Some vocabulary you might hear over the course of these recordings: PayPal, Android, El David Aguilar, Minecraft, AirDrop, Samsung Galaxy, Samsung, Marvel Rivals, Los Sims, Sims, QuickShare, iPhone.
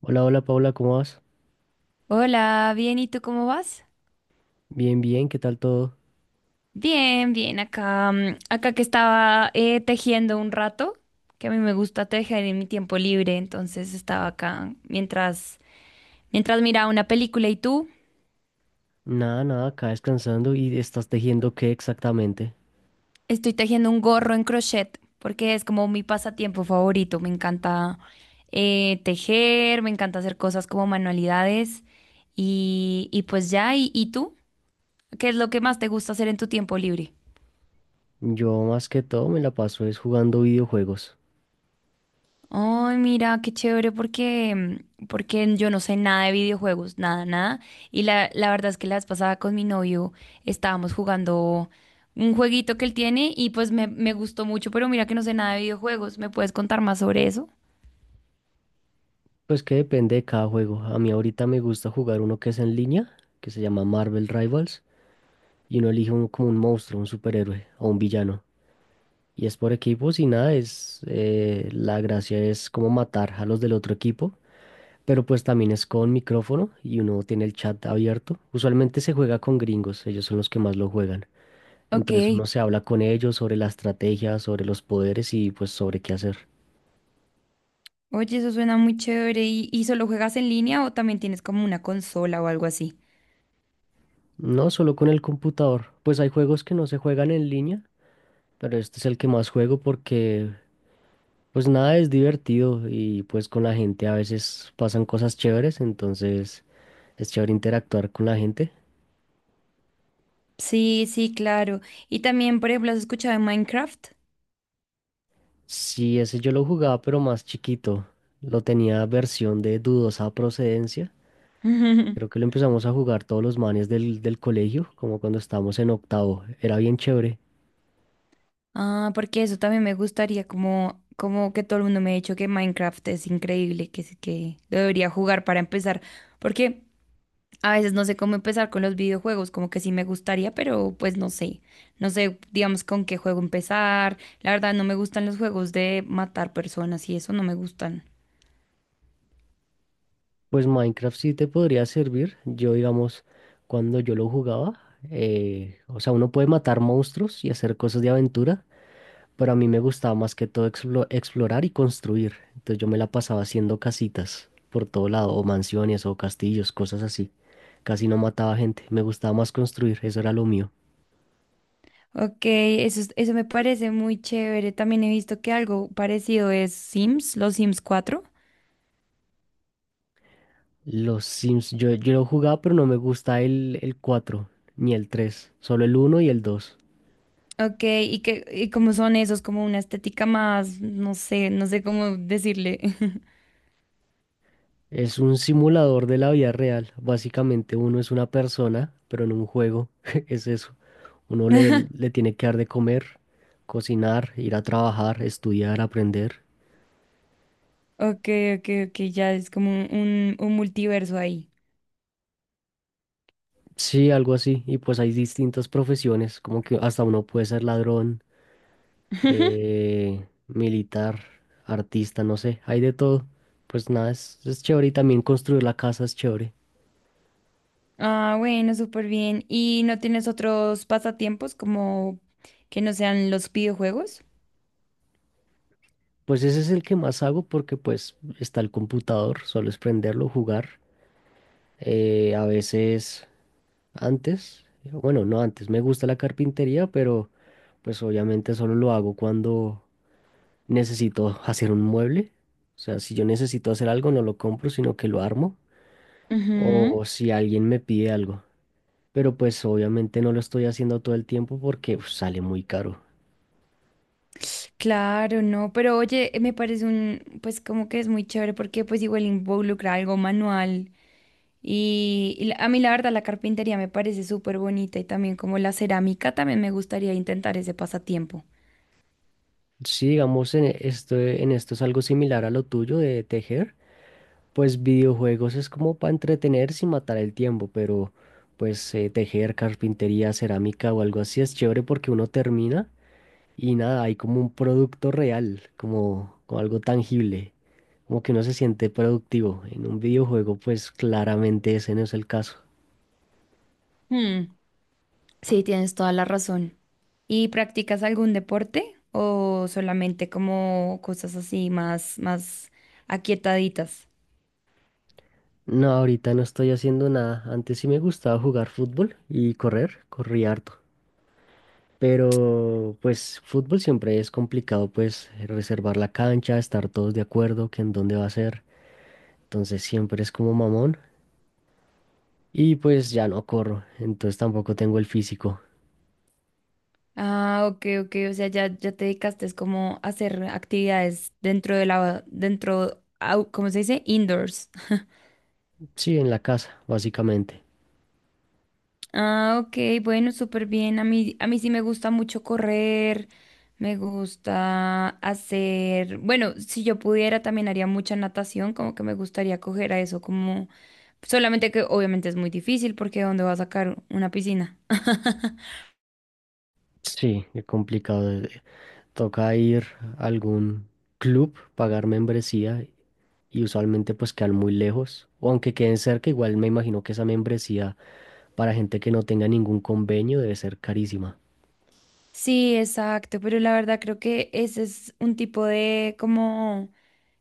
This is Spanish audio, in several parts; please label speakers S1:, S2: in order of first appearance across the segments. S1: Hola, hola Paula, ¿cómo vas?
S2: Hola, bien, ¿y tú cómo vas?
S1: Bien, bien, ¿qué tal todo?
S2: Bien, bien, acá, acá que estaba tejiendo un rato, que a mí me gusta tejer en mi tiempo libre, entonces estaba acá mientras miraba una película. ¿Y tú?
S1: Nada, nada, acá descansando y estás tejiendo qué exactamente.
S2: Estoy tejiendo un gorro en crochet, porque es como mi pasatiempo favorito, me encanta tejer, me encanta hacer cosas como manualidades y pues ya. ¿Y, y tú? ¿Qué es lo que más te gusta hacer en tu tiempo libre?
S1: Yo más que todo me la paso es jugando videojuegos.
S2: Ay, mira, qué chévere porque yo no sé nada de videojuegos, nada, nada. Y la verdad es que la vez pasada con mi novio estábamos jugando un jueguito que él tiene y pues me gustó mucho, pero mira que no sé nada de videojuegos. ¿Me puedes contar más sobre eso?
S1: Pues que depende de cada juego. A mí ahorita me gusta jugar uno que es en línea, que se llama Marvel Rivals, y uno elige como un monstruo, un superhéroe o un villano. Y es por equipos y nada, es la gracia es como matar a los del otro equipo, pero pues también es con micrófono y uno tiene el chat abierto. Usualmente se juega con gringos, ellos son los que más lo juegan. Entonces
S2: Ok.
S1: uno se habla con ellos sobre la estrategia, sobre los poderes y pues sobre qué hacer.
S2: Oye, eso suena muy chévere. Y solo juegas en línea o también tienes como una consola o algo así?
S1: No, solo con el computador, pues hay juegos que no se juegan en línea, pero este es el que más juego porque pues nada, es divertido y pues con la gente a veces pasan cosas chéveres, entonces es chévere interactuar con la gente.
S2: Sí, sí, claro. Y también, por ejemplo, ¿has escuchado de Minecraft?
S1: Sí, ese yo lo jugaba, pero más chiquito. Lo tenía versión de dudosa procedencia. Creo que lo empezamos a jugar todos los manes del colegio, como cuando estábamos en octavo. Era bien chévere.
S2: Ah, porque eso también me gustaría, como, como que todo el mundo me ha dicho que Minecraft es increíble, que, sí, que lo debería jugar para empezar, porque a veces no sé cómo empezar con los videojuegos, como que sí me gustaría, pero pues no sé, no sé, digamos, con qué juego empezar. La verdad, no me gustan los juegos de matar personas y eso, no me gustan.
S1: Pues Minecraft sí te podría servir. Yo, digamos, cuando yo lo jugaba, o sea, uno puede matar monstruos y hacer cosas de aventura, pero a mí me gustaba más que todo explorar y construir. Entonces yo me la pasaba haciendo casitas por todo lado, o mansiones, o castillos, cosas así. Casi no mataba gente. Me gustaba más construir, eso era lo mío.
S2: Ok, eso, es- eso me parece muy chévere. También he visto que algo parecido es Sims, los Sims cuatro.
S1: Los Sims, yo lo jugaba, pero no me gusta el 4 ni el tres, solo el uno y el dos.
S2: Ok, ¿y que y cómo son esos? Como una estética más, no sé, no sé cómo decirle.
S1: Es un simulador de la vida real. Básicamente uno es una persona, pero en un juego es eso. Uno le, le tiene que dar de comer, cocinar, ir a trabajar, estudiar, aprender.
S2: Ok, ok, ok, ya es como un multiverso ahí.
S1: Sí, algo así. Y pues hay distintas profesiones, como que hasta uno puede ser ladrón, militar, artista, no sé, hay de todo. Pues nada, es chévere y también construir la casa es chévere.
S2: Ah, bueno, súper bien. ¿Y no tienes otros pasatiempos como que no sean los videojuegos?
S1: Pues ese es el que más hago porque pues está el computador, solo es prenderlo, jugar. A veces antes, bueno, no antes, me gusta la carpintería, pero pues obviamente solo lo hago cuando necesito hacer un mueble. O sea, si yo necesito hacer algo, no lo compro, sino que lo armo.
S2: Ujú.
S1: O si alguien me pide algo. Pero pues obviamente no lo estoy haciendo todo el tiempo porque uf, sale muy caro.
S2: Claro, no, pero oye, me parece un, pues como que es muy chévere porque pues igual involucra algo manual y la- a mí la verdad la carpintería me parece súper bonita y también como la cerámica, también me gustaría intentar ese pasatiempo.
S1: Si digamos en esto, en esto es algo similar a lo tuyo de tejer, pues videojuegos es como para entretenerse y matar el tiempo, pero pues tejer, carpintería, cerámica o algo así es chévere porque uno termina y nada, hay como un producto real, como algo tangible, como que uno se siente productivo. En un videojuego, pues claramente ese no es el caso.
S2: Hmm, sí, tienes toda la razón. ¿Y practicas algún deporte o solamente como cosas así más, más aquietaditas?
S1: No, ahorita no estoy haciendo nada. Antes sí me gustaba jugar fútbol y correr, corría harto. Pero pues fútbol siempre es complicado, pues reservar la cancha, estar todos de acuerdo que en dónde va a ser. Entonces siempre es como mamón. Y pues ya no corro, entonces tampoco tengo el físico.
S2: Ah, ok, ok, o sea, ya, ya te dedicaste es como a hacer actividades dentro de la, dentro, au- ¿cómo se dice? Indoors.
S1: Sí, en la casa, básicamente.
S2: Ah, ok, bueno, súper bien. A mí sí me gusta mucho correr, me gusta hacer, bueno, si yo pudiera también haría mucha natación, como que me gustaría coger a eso, como, solamente que obviamente es muy difícil porque ¿dónde va a sacar una piscina?
S1: Sí, es complicado. Toca ir a algún club, pagar membresía y usualmente pues quedan muy lejos, o aunque queden cerca, igual me imagino que esa membresía para gente que no tenga ningún convenio debe ser carísima.
S2: Sí, exacto, pero la verdad creo que ese es un tipo de como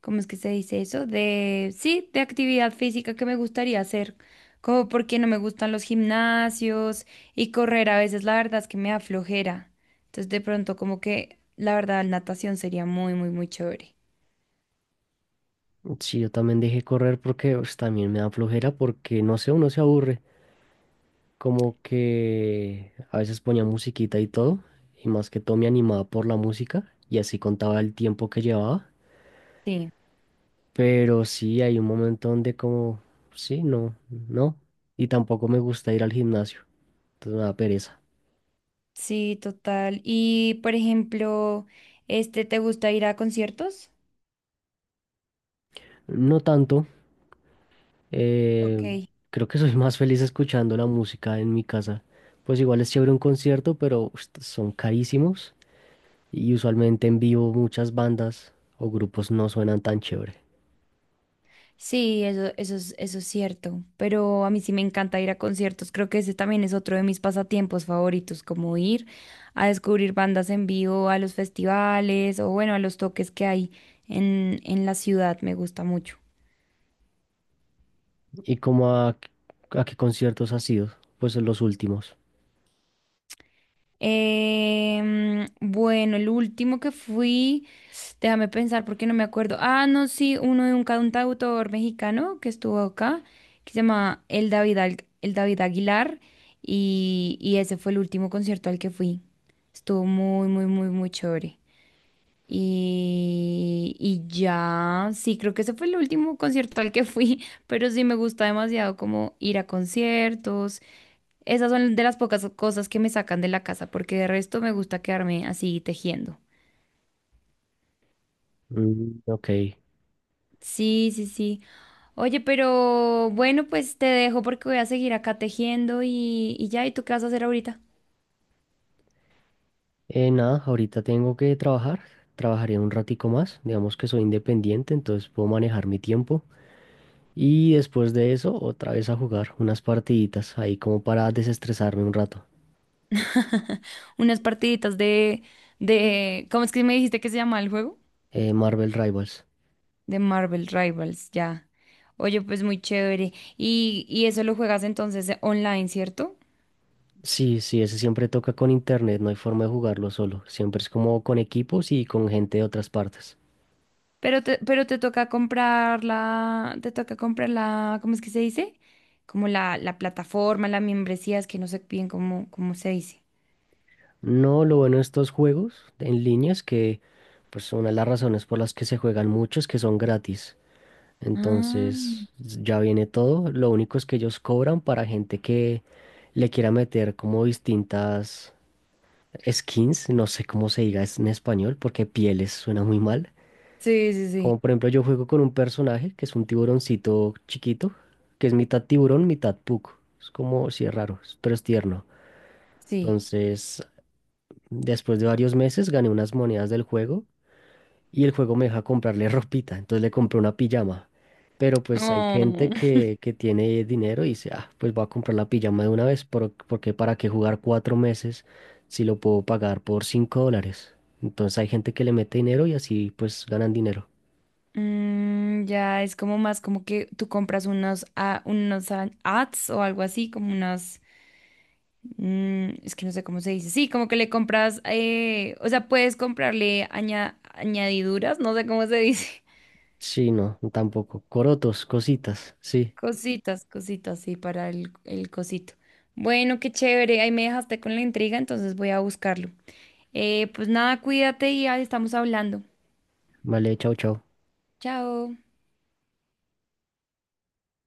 S2: ¿cómo es que se dice eso? De, sí, de actividad física que me gustaría hacer, como porque no me gustan los gimnasios y correr a veces la verdad es que me da flojera. Entonces de pronto como que la verdad natación sería muy, muy, muy chévere.
S1: Sí, yo también dejé correr porque pues también me da flojera porque no sé, uno se aburre, como que a veces ponía musiquita y todo, y más que todo me animaba por la música y así contaba el tiempo que llevaba,
S2: Sí,
S1: pero sí hay un momento donde como, sí, y tampoco me gusta ir al gimnasio, entonces me da pereza.
S2: sí, total. Y por ejemplo, este, ¿te gusta ir a conciertos?
S1: No tanto. Eh,
S2: Ok.
S1: Creo que soy más feliz escuchando la música en mi casa. Pues igual es chévere un concierto, pero son carísimos y usualmente en vivo muchas bandas o grupos no suenan tan chévere.
S2: Sí, eso, eso es cierto, pero a mí sí me encanta ir a conciertos, creo que ese también es otro de mis pasatiempos favoritos, como ir a descubrir bandas en vivo, a los festivales o bueno, a los toques que hay en la ciudad, me gusta mucho.
S1: ¿Y como a qué conciertos has ido? Pues en los últimos.
S2: Bueno, el último que fui, déjame pensar porque no me acuerdo. Ah, no, sí, uno de un cantautor mexicano que estuvo acá, que se llama El David, Al- el David Aguilar, y ese fue el último concierto al que fui. Estuvo muy, muy, muy, muy chévere. Y ya, sí, creo que ese fue el último concierto al que fui, pero sí me gusta demasiado como ir a conciertos. Esas son de las pocas cosas que me sacan de la casa, porque de resto me gusta quedarme así tejiendo.
S1: Mm, ok.
S2: Sí, sí, sí. Oye, pero bueno, pues te dejo porque voy a seguir acá tejiendo y ya. ¿Y tú qué vas a hacer ahorita?
S1: Nada, ahorita tengo que trabajar. Trabajaré un ratico más. Digamos que soy independiente, entonces puedo manejar mi tiempo. Y después de eso, otra vez a jugar unas partiditas ahí como para desestresarme un rato.
S2: Unas partiditas de, ¿cómo es que me dijiste que se llama el juego?
S1: Marvel Rivals.
S2: De Marvel Rivals, ya. Oye, pues muy chévere. Y eso lo juegas entonces online, ¿cierto?
S1: Sí, sí, ese siempre toca con internet, no hay forma de jugarlo solo. Siempre es como con equipos y con gente de otras partes.
S2: Pero te toca comprar la, te toca comprar la, ¿cómo es que se dice? Como la plataforma, la membresía, es que no sé bien cómo se dice.
S1: No, lo bueno de estos juegos en línea es que pues una de las razones por las que se juegan mucho es que son gratis.
S2: Ah,
S1: Entonces, ya viene todo. Lo único es que ellos cobran para gente que le quiera meter como distintas skins, no sé cómo se diga en español, porque pieles suena muy mal.
S2: sí, sí, sí,
S1: Como por ejemplo, yo juego con un personaje que es un tiburoncito chiquito, que es mitad tiburón, mitad puc. Es como, sí, es raro, pero es tierno.
S2: sí.
S1: Entonces, después de varios meses gané unas monedas del juego y el juego me deja comprarle ropita. Entonces le compré una pijama. Pero pues hay
S2: Oh.
S1: gente que tiene dinero y dice, ah, pues voy a comprar la pijama de una vez, porque para qué jugar 4 meses si lo puedo pagar por $5. Entonces hay gente que le mete dinero y así pues ganan dinero.
S2: Mm, ya es como más como que tú compras unos, a- unos a- ads o algo así, como unas, mm, es que no sé cómo se dice. Sí, como que le compras, o sea, puedes comprarle aña- añadiduras, no sé cómo se dice.
S1: Sí, no, tampoco. Corotos, cositas. Sí,
S2: Cositas, cositas, sí, para el cosito. Bueno, qué chévere, ahí me dejaste con la intriga, entonces voy a buscarlo. Pues nada, cuídate y ahí estamos hablando.
S1: vale, chau, chau.
S2: Chao.